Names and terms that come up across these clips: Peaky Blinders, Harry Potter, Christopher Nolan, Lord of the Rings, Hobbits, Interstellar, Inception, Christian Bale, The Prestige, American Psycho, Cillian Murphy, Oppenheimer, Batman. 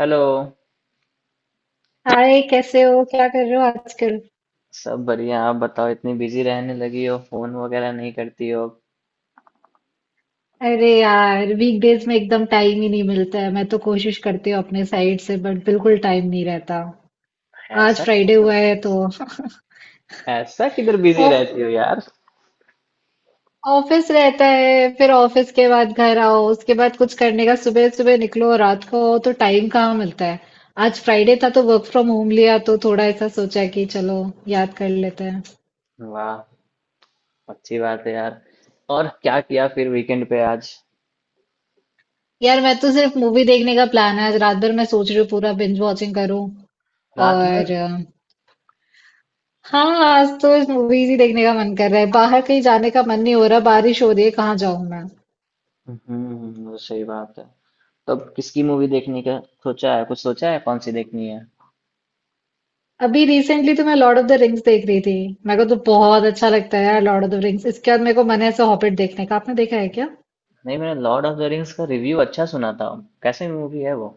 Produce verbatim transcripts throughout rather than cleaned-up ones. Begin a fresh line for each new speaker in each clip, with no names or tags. Hello.
Hi, कैसे हो? क्या कर रहे हो आजकल?
सब बढ़िया, आप बताओ। इतनी बिजी रहने लगी हो, फोन वगैरह नहीं करती हो।
अरे यार, वीकडेज में एकदम टाइम ही नहीं मिलता है। मैं तो कोशिश करती हूँ अपने साइड से, बट बिल्कुल टाइम नहीं रहता। आज
ऐसा क्या
फ्राइडे हुआ
करती
है तो
है, ऐसा किधर बिजी
ऑफ
रहती हो यार।
ऑफिस रहता है। फिर ऑफिस के बाद घर आओ, उसके बाद कुछ करने का। सुबह सुबह निकलो, रात को आओ, तो टाइम कहाँ मिलता है। आज फ्राइडे था तो वर्क फ्रॉम होम लिया, तो थोड़ा ऐसा सोचा कि चलो याद कर लेते हैं।
वाह, अच्छी बात है यार। और क्या किया फिर वीकेंड पे आज?
यार, मैं तो सिर्फ मूवी देखने का प्लान है आज। रात भर मैं सोच रही हूँ पूरा बिंज वॉचिंग करूँ।
रात भर?
और हाँ, आज तो मूवीज ही देखने का मन कर रहा है, बाहर कहीं जाने का मन नहीं हो रहा। बारिश हो रही है, कहाँ जाऊं मैं।
हम्म, वो सही बात है। तो अब किसकी मूवी देखने का सोचा है, कुछ सोचा है कौन सी देखनी है?
अभी रिसेंटली तो मैं लॉर्ड ऑफ द रिंग्स देख रही थी। मेरे को तो बहुत अच्छा लगता है यार लॉर्ड ऑफ द रिंग्स। इसके बाद मेरे को मन है ऐसे हॉबिट देखने का। आपने देखा है क्या?
नहीं, मैंने लॉर्ड ऑफ द रिंग्स का रिव्यू अच्छा सुना था। कैसी मूवी है वो?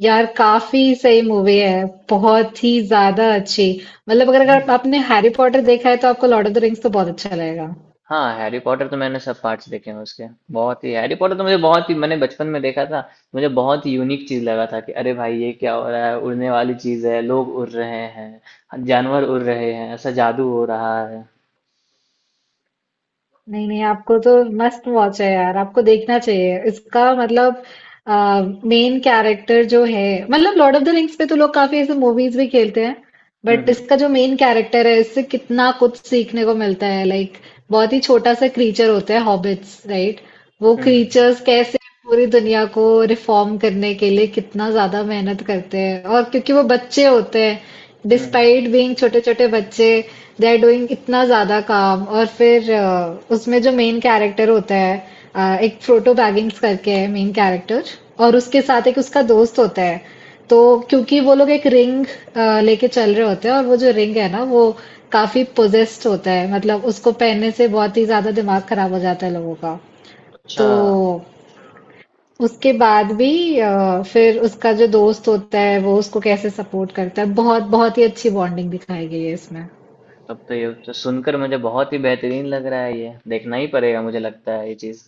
यार, काफी सही मूवी है, बहुत ही ज्यादा अच्छी। मतलब अगर अगर आपने हैरी पॉटर देखा है तो आपको लॉर्ड ऑफ द रिंग्स तो बहुत अच्छा लगेगा।
हाँ, हैरी पॉटर तो मैंने सब पार्ट्स देखे हैं उसके। बहुत ही हैरी पॉटर तो मुझे बहुत ही मैंने बचपन में देखा था। मुझे बहुत ही यूनिक चीज लगा था कि अरे भाई, ये क्या हो रहा है? उड़ने वाली चीज है, लोग उड़ रहे हैं, जानवर उड़ रहे हैं, ऐसा जादू हो रहा है।
नहीं नहीं, आपको तो मस्त वॉच है यार, आपको देखना चाहिए इसका। मतलब मेन कैरेक्टर जो है, मतलब लॉर्ड ऑफ द रिंग्स पे तो लोग काफी ऐसे मूवीज भी खेलते हैं,
हम्म,
बट
हम्म।
इसका जो मेन कैरेक्टर है, इससे कितना कुछ सीखने को मिलता है, लाइक बहुत ही छोटा सा क्रीचर होता है, हॉबिट्स राइट। वो
हम्म, हम्म।
क्रीचर्स कैसे पूरी दुनिया को रिफॉर्म करने के लिए कितना ज्यादा मेहनत करते हैं। और क्योंकि वो बच्चे होते हैं,
हम्म, हम्म।
डिस्पाइट बीइंग छोटे-छोटे बच्चे, दे आर डूइंग इतना ज़्यादा काम। और फिर अ, उसमें जो मेन कैरेक्टर होता है, अ, एक फ्रोटो बैगिंग्स करके है मेन कैरेक्टर, और उसके साथ एक उसका दोस्त होता है। तो क्योंकि वो लोग एक रिंग लेके चल रहे होते हैं, और वो जो रिंग है ना वो काफी पोजेस्ड होता है, मतलब उसको पहनने से बहुत ही ज्यादा दिमाग खराब हो जाता है लोगों का।
अच्छा,
तो उसके बाद भी अ, फिर उसका जो दोस्त होता है वो उसको कैसे सपोर्ट करता है, बहुत बहुत ही अच्छी बॉन्डिंग दिखाई गई है इसमें।
तब तो ये तो सुनकर मुझे बहुत ही बेहतरीन लग रहा है। ये देखना ही पड़ेगा मुझे लगता है ये चीज।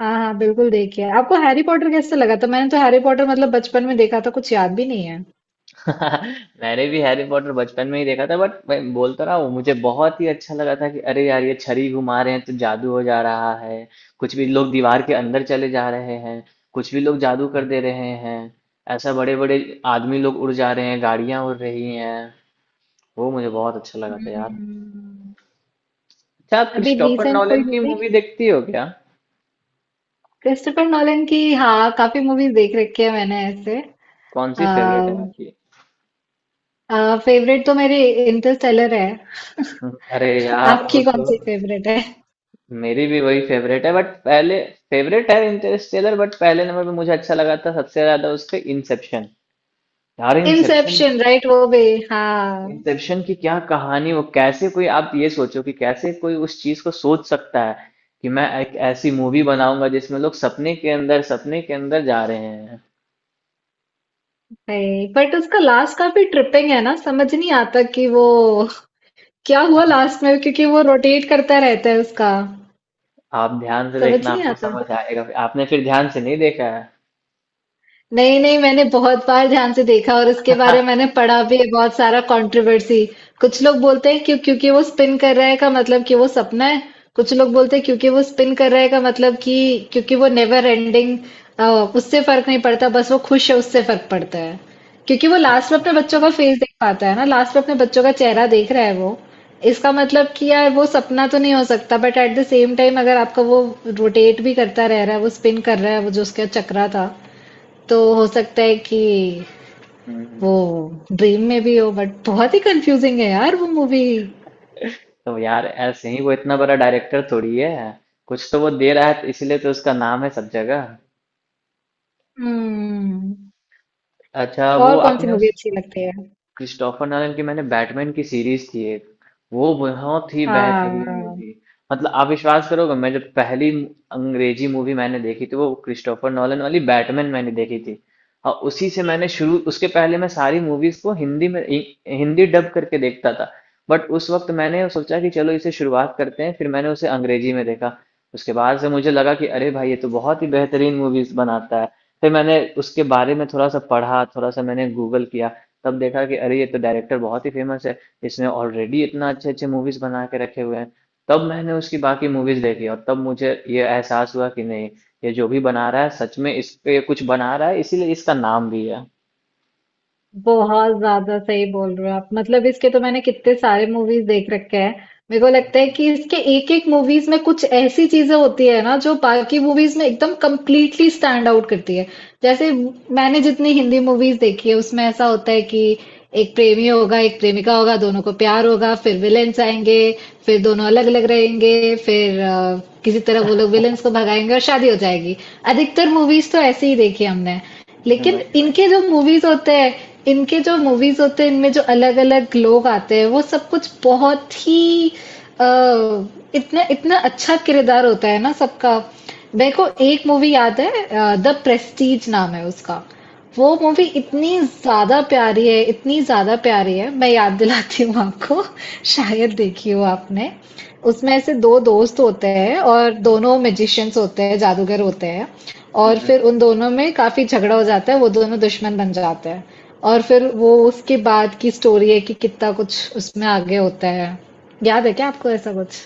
हाँ हाँ, बिल्कुल देखिए। आपको हैरी पॉटर कैसे लगा था? मैंने तो हैरी पॉटर मतलब बचपन में देखा था, कुछ याद भी नहीं है।
मैंने भी हैरी पॉटर बचपन में ही देखा था बट मैं बोल तो रहा हूँ मुझे बहुत ही अच्छा लगा था कि अरे यार, ये छड़ी घुमा रहे हैं तो जादू हो जा रहा है। कुछ भी लोग दीवार के अंदर चले जा रहे हैं। कुछ भी लोग जादू कर दे रहे हैं। ऐसा बड़े बड़े आदमी लोग उड़ जा रहे हैं, गाड़ियां उड़ रही हैं। वो मुझे बहुत अच्छा लगा था यार।
हम्म,
अच्छा, आप
अभी
क्रिस्टोफर
रिसेंट
नॉलन
कोई
की
मूवी
मूवी देखती हो क्या?
क्रिस्टोफर नॉलन की, हाँ, काफी मूवीज देख रखी है मैंने ऐसे।
कौन सी
आ,
फेवरेट है आपकी?
फेवरेट तो मेरे इंटरस्टेलर है।
अरे यार, वो
आपकी कौन
तो
सी फेवरेट है?
मेरी भी वही फेवरेट है बट पहले फेवरेट है इंटरस्टेलर। बट पहले नंबर पे मुझे अच्छा लगा था सबसे ज्यादा उसके इंसेप्शन। यार इंसेप्शन,
इंसेप्शन राइट, वो भी हाँ।
इंसेप्शन की क्या कहानी! वो कैसे कोई, आप ये सोचो कि कैसे कोई उस चीज को सोच सकता है कि मैं एक ऐसी मूवी बनाऊंगा जिसमें लोग सपने के अंदर सपने के अंदर जा रहे हैं।
बट उसका लास्ट काफी ट्रिपिंग है ना, समझ नहीं आता कि वो क्या हुआ
आप,
लास्ट में, क्योंकि वो रोटेट करता रहता है उसका,
आप ध्यान से
समझ
देखना,
नहीं
आपको
आता।
समझ आएगा। आपने फिर ध्यान से नहीं देखा है।
नहीं नहीं, मैंने बहुत बार ध्यान से देखा, और इसके बारे में मैंने पढ़ा भी है बहुत सारा कंट्रोवर्सी। कुछ लोग बोलते हैं क्यों, क्योंकि वो स्पिन कर रहा है का मतलब कि वो सपना है। कुछ लोग बोलते हैं क्योंकि वो स्पिन कर रहा है का मतलब कि क्योंकि वो नेवर एंडिंग। अ, उससे फर्क नहीं पड़ता, बस वो खुश है उससे फर्क पड़ता है। क्योंकि वो लास्ट में
अच्छा,
अपने
अच्छा।
बच्चों का फेस देख पाता है ना, लास्ट में अपने बच्चों का चेहरा देख रहा है वो। इसका मतलब कि यार वो सपना तो नहीं हो सकता, but at the same time, अगर आपका वो रोटेट भी करता रह रहा है, वो स्पिन कर रहा है, वो जो उसका चक्रा था, तो हो सकता है कि
हम्म।
वो ड्रीम में भी हो। बट बहुत ही कंफ्यूजिंग है यार वो मूवी।
तो यार ऐसे ही वो इतना बड़ा डायरेक्टर थोड़ी है। कुछ तो वो दे रहा है तो इसीलिए तो उसका नाम है सब जगह।
हम्म।
अच्छा, वो
और कौन सी
आपने उस
मूवी अच्छी लगती है?
क्रिस्टोफर नॉलन की, मैंने बैटमैन की सीरीज थी एक, वो बहुत ही
हाँ,
बेहतरीन मूवी। मतलब आप विश्वास करोगे, मैं जब पहली अंग्रेजी मूवी मैंने देखी थी, वो क्रिस्टोफर नॉलन वाली बैटमैन मैंने देखी थी। और उसी से मैंने शुरू, उसके पहले मैं सारी मूवीज को हिंदी में इ- हिंदी डब करके देखता था। बट उस वक्त मैंने सोचा कि चलो इसे शुरुआत करते हैं, फिर मैंने उसे अंग्रेजी में देखा। उसके बाद से मुझे लगा कि अरे भाई, ये तो बहुत ही बेहतरीन मूवीज बनाता है। फिर मैंने उसके बारे में थोड़ा सा पढ़ा, थोड़ा सा मैंने गूगल किया। तब देखा कि अरे, ये तो डायरेक्टर बहुत ही फेमस है। इसने ऑलरेडी इतना अच्छे अच्छे मूवीज बना के रखे हुए हैं। तब मैंने उसकी बाकी मूवीज देखी और तब मुझे ये एहसास हुआ कि नहीं, ये जो भी बना रहा है सच में इस पे कुछ बना रहा है, इसीलिए इसका नाम भी है।
बहुत ज़्यादा सही बोल रहे हो आप। मतलब इसके तो मैंने कितने सारे मूवीज़ देख रखे हैं। मेरे को लगता है कि इसके एक-एक मूवीज़ में कुछ ऐसी चीज़ें होती है ना जो बाकी मूवीज़ में एकदम कंप्लीटली स्टैंड आउट करती है। जैसे, मैंने जितनी हिंदी मूवीज़ देखी है उसमें ऐसा होता है कि एक प्रेमी होगा, एक प्रेमिका होगा, दोनों को प्यार होगा, फिर विलेन्स आएँगे, फिर दोनों अलग-अलग रहेंगे, फिर अ, किसी तरह वो लोग विलेन्स को भगाएँगे और शादी हो जाएगी। अधिकतर मूवीज़ तो ऐसी ही देखी है हमने। लेकिन
वही, वही।
इनके जो मूवीज़ होते हैं इनके जो मूवीज होते हैं इनमें जो अलग अलग लोग आते हैं वो सब कुछ बहुत ही अ, इतना इतना अच्छा किरदार होता है ना सबका। मेरे को एक मूवी याद है, द प्रेस्टीज नाम है उसका। वो मूवी इतनी ज़्यादा प्यारी है, इतनी ज़्यादा प्यारी है, मैं याद दिलाती हूँ आपको, शायद देखी हो आपने। उसमें ऐसे दो दोस्त होते हैं और दोनों मैजिशियन्स होते हैं, जादूगर होते हैं, और
हम्म।
फिर उन दोनों में काफ़ी झगड़ा हो जाता है, वो दोनों दुश्मन बन जाते हैं। और फिर वो उसके बाद की स्टोरी है कि कितना कुछ उसमें आगे होता है। याद है क्या आपको ऐसा कुछ?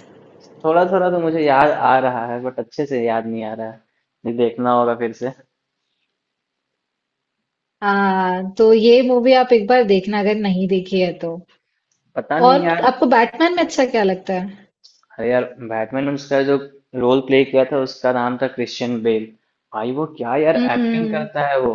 थोड़ा थोड़ा तो मुझे याद आ रहा है बट अच्छे से याद नहीं आ रहा है। ये देखना होगा फिर से।
हाँ, तो ये मूवी आप एक बार देखना अगर नहीं देखी है तो।
पता नहीं
और
यार।
आपको बैटमैन में अच्छा क्या लगता है?
अरे यार, बैटमैन में उसका जो रोल प्ले किया था, उसका नाम था क्रिश्चियन बेल। भाई वो क्या यार एक्टिंग
हम्म।
करता है वो।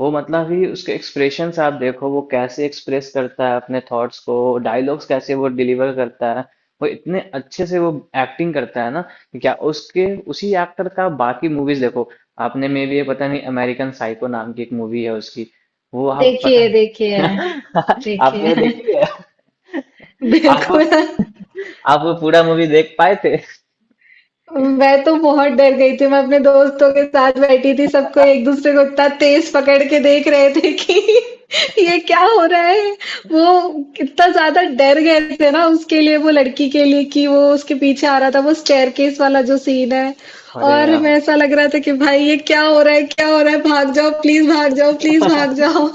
वो मतलब ही, उसके एक्सप्रेशंस आप देखो, वो कैसे एक्सप्रेस करता है अपने थॉट्स को, डायलॉग्स कैसे वो डिलीवर करता है। वो इतने अच्छे से वो एक्टिंग करता है ना कि क्या उसके। उसी एक्टर का बाकी मूवीज देखो आपने, मे भी ये पता नहीं, अमेरिकन साइको नाम की एक मूवी है उसकी। वो आप, पता
देखिए
नहीं
देखिए
आपने
देखिए।
वो देखी है? आप वो-
बिल्कुल।
आप वो पूरा मूवी देख पाए थे?
मैं तो बहुत डर गई थी, मैं अपने दोस्तों के साथ बैठी थी, सबको एक दूसरे को इतना तेज पकड़ के देख रहे थे कि ये क्या हो रहा है। वो कितना ज्यादा डर गए थे ना उसके लिए, वो लड़की के लिए, कि वो उसके पीछे आ रहा था, वो स्टेयरकेस वाला जो सीन है,
अरे
और
यार,
मैं ऐसा लग रहा था कि भाई ये क्या हो रहा है, क्या हो रहा है, भाग जाओ प्लीज, भाग जाओ प्लीज, भाग जाओ।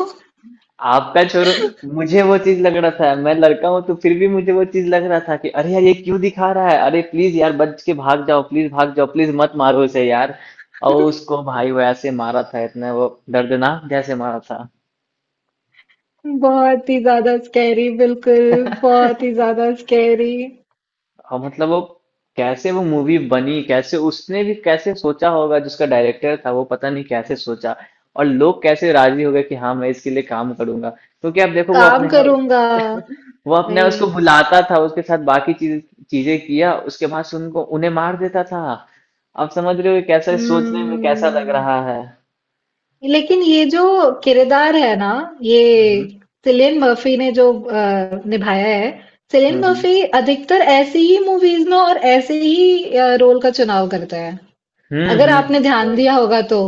आपका छोरू। मुझे वो चीज लग रहा था, मैं लड़का हूं तो फिर भी मुझे वो चीज लग रहा था कि अरे यार, ये क्यों दिखा रहा है? अरे प्लीज यार, बच के भाग जाओ प्लीज, भाग जाओ प्लीज, मत मारो उसे यार। और उसको भाई वो ऐसे मारा था, इतना वो दर्दनाक जैसे मारा था।
बहुत ही ज़्यादा स्कैरी, बिल्कुल, बहुत ही ज़्यादा स्कैरी।
और मतलब वो कैसे वो मूवी बनी, कैसे उसने भी कैसे सोचा होगा, जिसका डायरेक्टर था वो पता नहीं कैसे सोचा। और लोग कैसे राजी हो गए कि हाँ मैं इसके लिए काम करूंगा, क्योंकि आप देखो वो
काम
अपने,
करूँगा,
वो अपने
वही।
उसको बुलाता था उसके साथ बाकी चीज चीजें किया, उसके बाद सुन को उन्हें मार देता था। आप समझ रहे हो ये कैसा, सोचने में कैसा लग
हुँ,
रहा है।
लेकिन ये जो किरदार है ना, ये
हम्म,
सिलियन मर्फ़ी ने जो अ, निभाया है, सिलियन
हम्म।
मर्फ़ी अधिकतर ऐसी ही मूवीज़ में और ऐसे ही अ, रोल का चुनाव करता है।
हम्म,
अगर
हम्म।
आपने ध्यान
वही।
दिया होगा तो,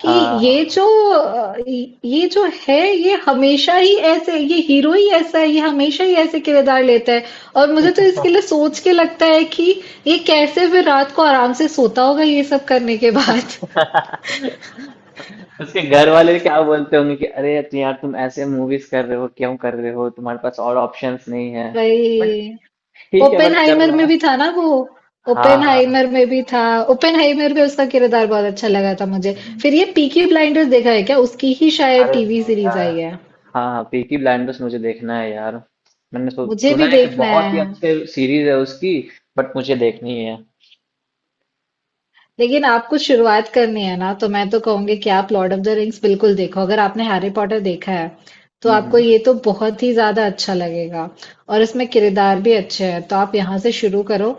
कि ये जो
हाँ,
अ, ये जो है, ये हमेशा ही ऐसे, ये हीरो ही ऐसा है, ये हमेशा ही ऐसे किरदार लेता है। और मुझे तो इसके लिए
हाँ।
सोच के लगता है कि ये कैसे फिर रात को आराम से सोता होगा ये सब करने के बाद।
उसके घर वाले क्या बोलते होंगे कि अरे तु- यार, तुम ऐसे मूवीज कर रहे हो, क्यों कर रहे हो, तुम्हारे पास और ऑप्शंस नहीं है?
भाई।
बट ठीक है, बट कर
ओपेनहाइमर
रहा
में
है।
भी था ना वो
हाँ,
ओपेनहाइमर
हाँ।
में भी था। ओपेनहाइमर में उसका किरदार बहुत अच्छा लगा था मुझे।
हम्म।
फिर ये पीकी ब्लाइंडर्स देखा है क्या? उसकी ही शायद
अरे
टीवी
नहीं
सीरीज
यार,
आई है।
हाँ, पीकी ब्लाइंडर्स मुझे देखना है यार। मैंने सो-
मुझे
सुना
भी
है कि
देखना
बहुत ही
है।
अच्छे सीरीज है उसकी। बट मुझे देखनी है।
लेकिन आपको शुरुआत करनी है ना, तो मैं तो कहूँगी कि आप लॉर्ड ऑफ द रिंग्स बिल्कुल देखो। अगर आपने हैरी पॉटर देखा है तो
हम्म,
आपको
हम्म।
ये तो बहुत ही ज्यादा अच्छा लगेगा, और इसमें किरदार भी अच्छे हैं, तो आप यहाँ से शुरू करो।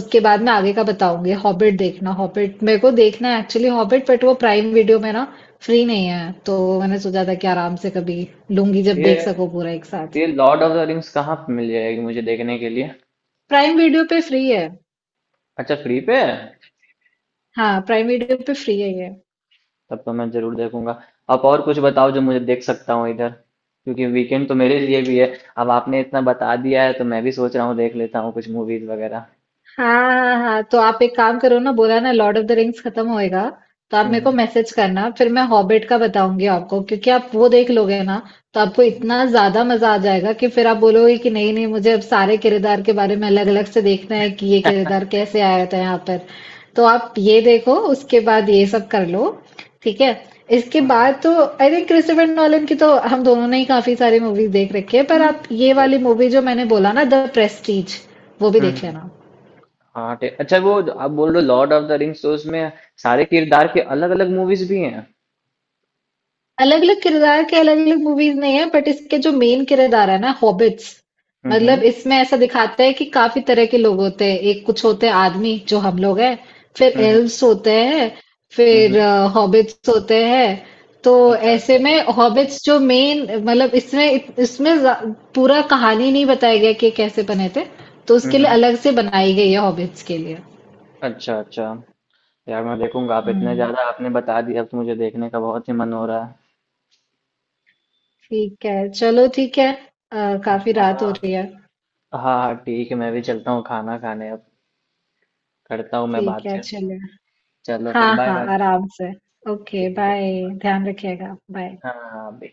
उसके बाद मैं आगे का बताऊंगी, हॉबिट देखना। हॉबिट मेरे को देखना है एक्चुअली, हॉबिट, बट वो प्राइम वीडियो में ना फ्री नहीं है, तो मैंने सोचा था कि आराम से कभी लूंगी जब
ये
देख सको पूरा एक साथ।
ये लॉर्ड ऑफ द रिंग्स कहाँ पे मिल जाएगी मुझे देखने के लिए?
प्राइम वीडियो पे फ्री है।
अच्छा, फ्री पे है?
हाँ, प्राइम वीडियो पे फ्री है ये।
तब तो मैं जरूर देखूंगा। आप और कुछ बताओ जो मुझे देख सकता हूँ इधर, क्योंकि वीकेंड तो मेरे लिए भी है। अब आपने इतना बता दिया है तो मैं भी सोच रहा हूँ देख लेता हूँ कुछ मूवीज वगैरह।
हाँ हाँ हाँ हाँ। तो आप एक काम करो ना, बोला ना, लॉर्ड ऑफ द रिंग्स खत्म होएगा तो आप मेरे को
हम्म।
मैसेज करना, फिर मैं हॉबिट का बताऊंगी आपको, क्योंकि आप वो देख लोगे ना, तो आपको इतना ज्यादा मजा आ जाएगा कि फिर आप बोलोगे कि नहीं नहीं, मुझे अब सारे किरदार के बारे में अलग अलग से देखना है, कि ये किरदार कैसे आया था यहाँ पर। तो आप ये देखो, उसके बाद ये सब कर लो, ठीक है? इसके बाद
हम्म,
तो आई थिंक क्रिस्टोफर नॉलन की तो हम दोनों ने ही काफी सारी मूवीज देख रखी है, पर
हम्म।
आप ये
वही।
वाली मूवी जो मैंने बोला ना, द प्रेस्टीज, वो भी देख
हम्म।
लेना।
हाँ ठीक, अच्छा वो आप बोल रहे हो लॉर्ड ऑफ द रिंग्स, तो उसमें सारे किरदार के अलग अलग मूवीज भी हैं?
अलग अलग किरदार के अलग अलग मूवीज नहीं है, बट इसके जो मेन किरदार है ना, हॉबिट्स।
हम्म, हम्म।
मतलब इसमें ऐसा दिखाता है कि काफी तरह के लोग होते हैं, एक कुछ होते हैं आदमी जो हम लोग हैं, फिर
हम्म,
एल्व्स होते हैं,
हम्म।
फिर
हम्म,
हॉबिट्स होते हैं। तो
अच्छा,
ऐसे
अच्छा।
में हॉबिट्स जो मेन, मतलब इसमें इसमें जा- पूरा कहानी नहीं बताया गया कि कैसे बने थे, तो
हम्म,
उसके लिए
हम्म।
अलग से बनाई गई है हॉबिट्स के लिए।
अच्छा, अच्छा। यार मैं देखूंगा, आप इतने
हम्म।
ज्यादा आपने बता दिया, अब तो मुझे देखने का बहुत ही मन हो रहा है।
ठीक है, चलो, ठीक है। अ, काफी रात हो रही है।
हाँ, हाँ ठीक है, मैं भी चलता हूँ खाना खाने अब। करता हूँ मैं
ठीक
बात
है,
फिर।
चलो।
चलो फिर,
हाँ
बाय
हाँ,
बाय।
आराम से। ओके
ठीक है।
बाय, ध्यान रखिएगा, बाय।
हाँ, अभी।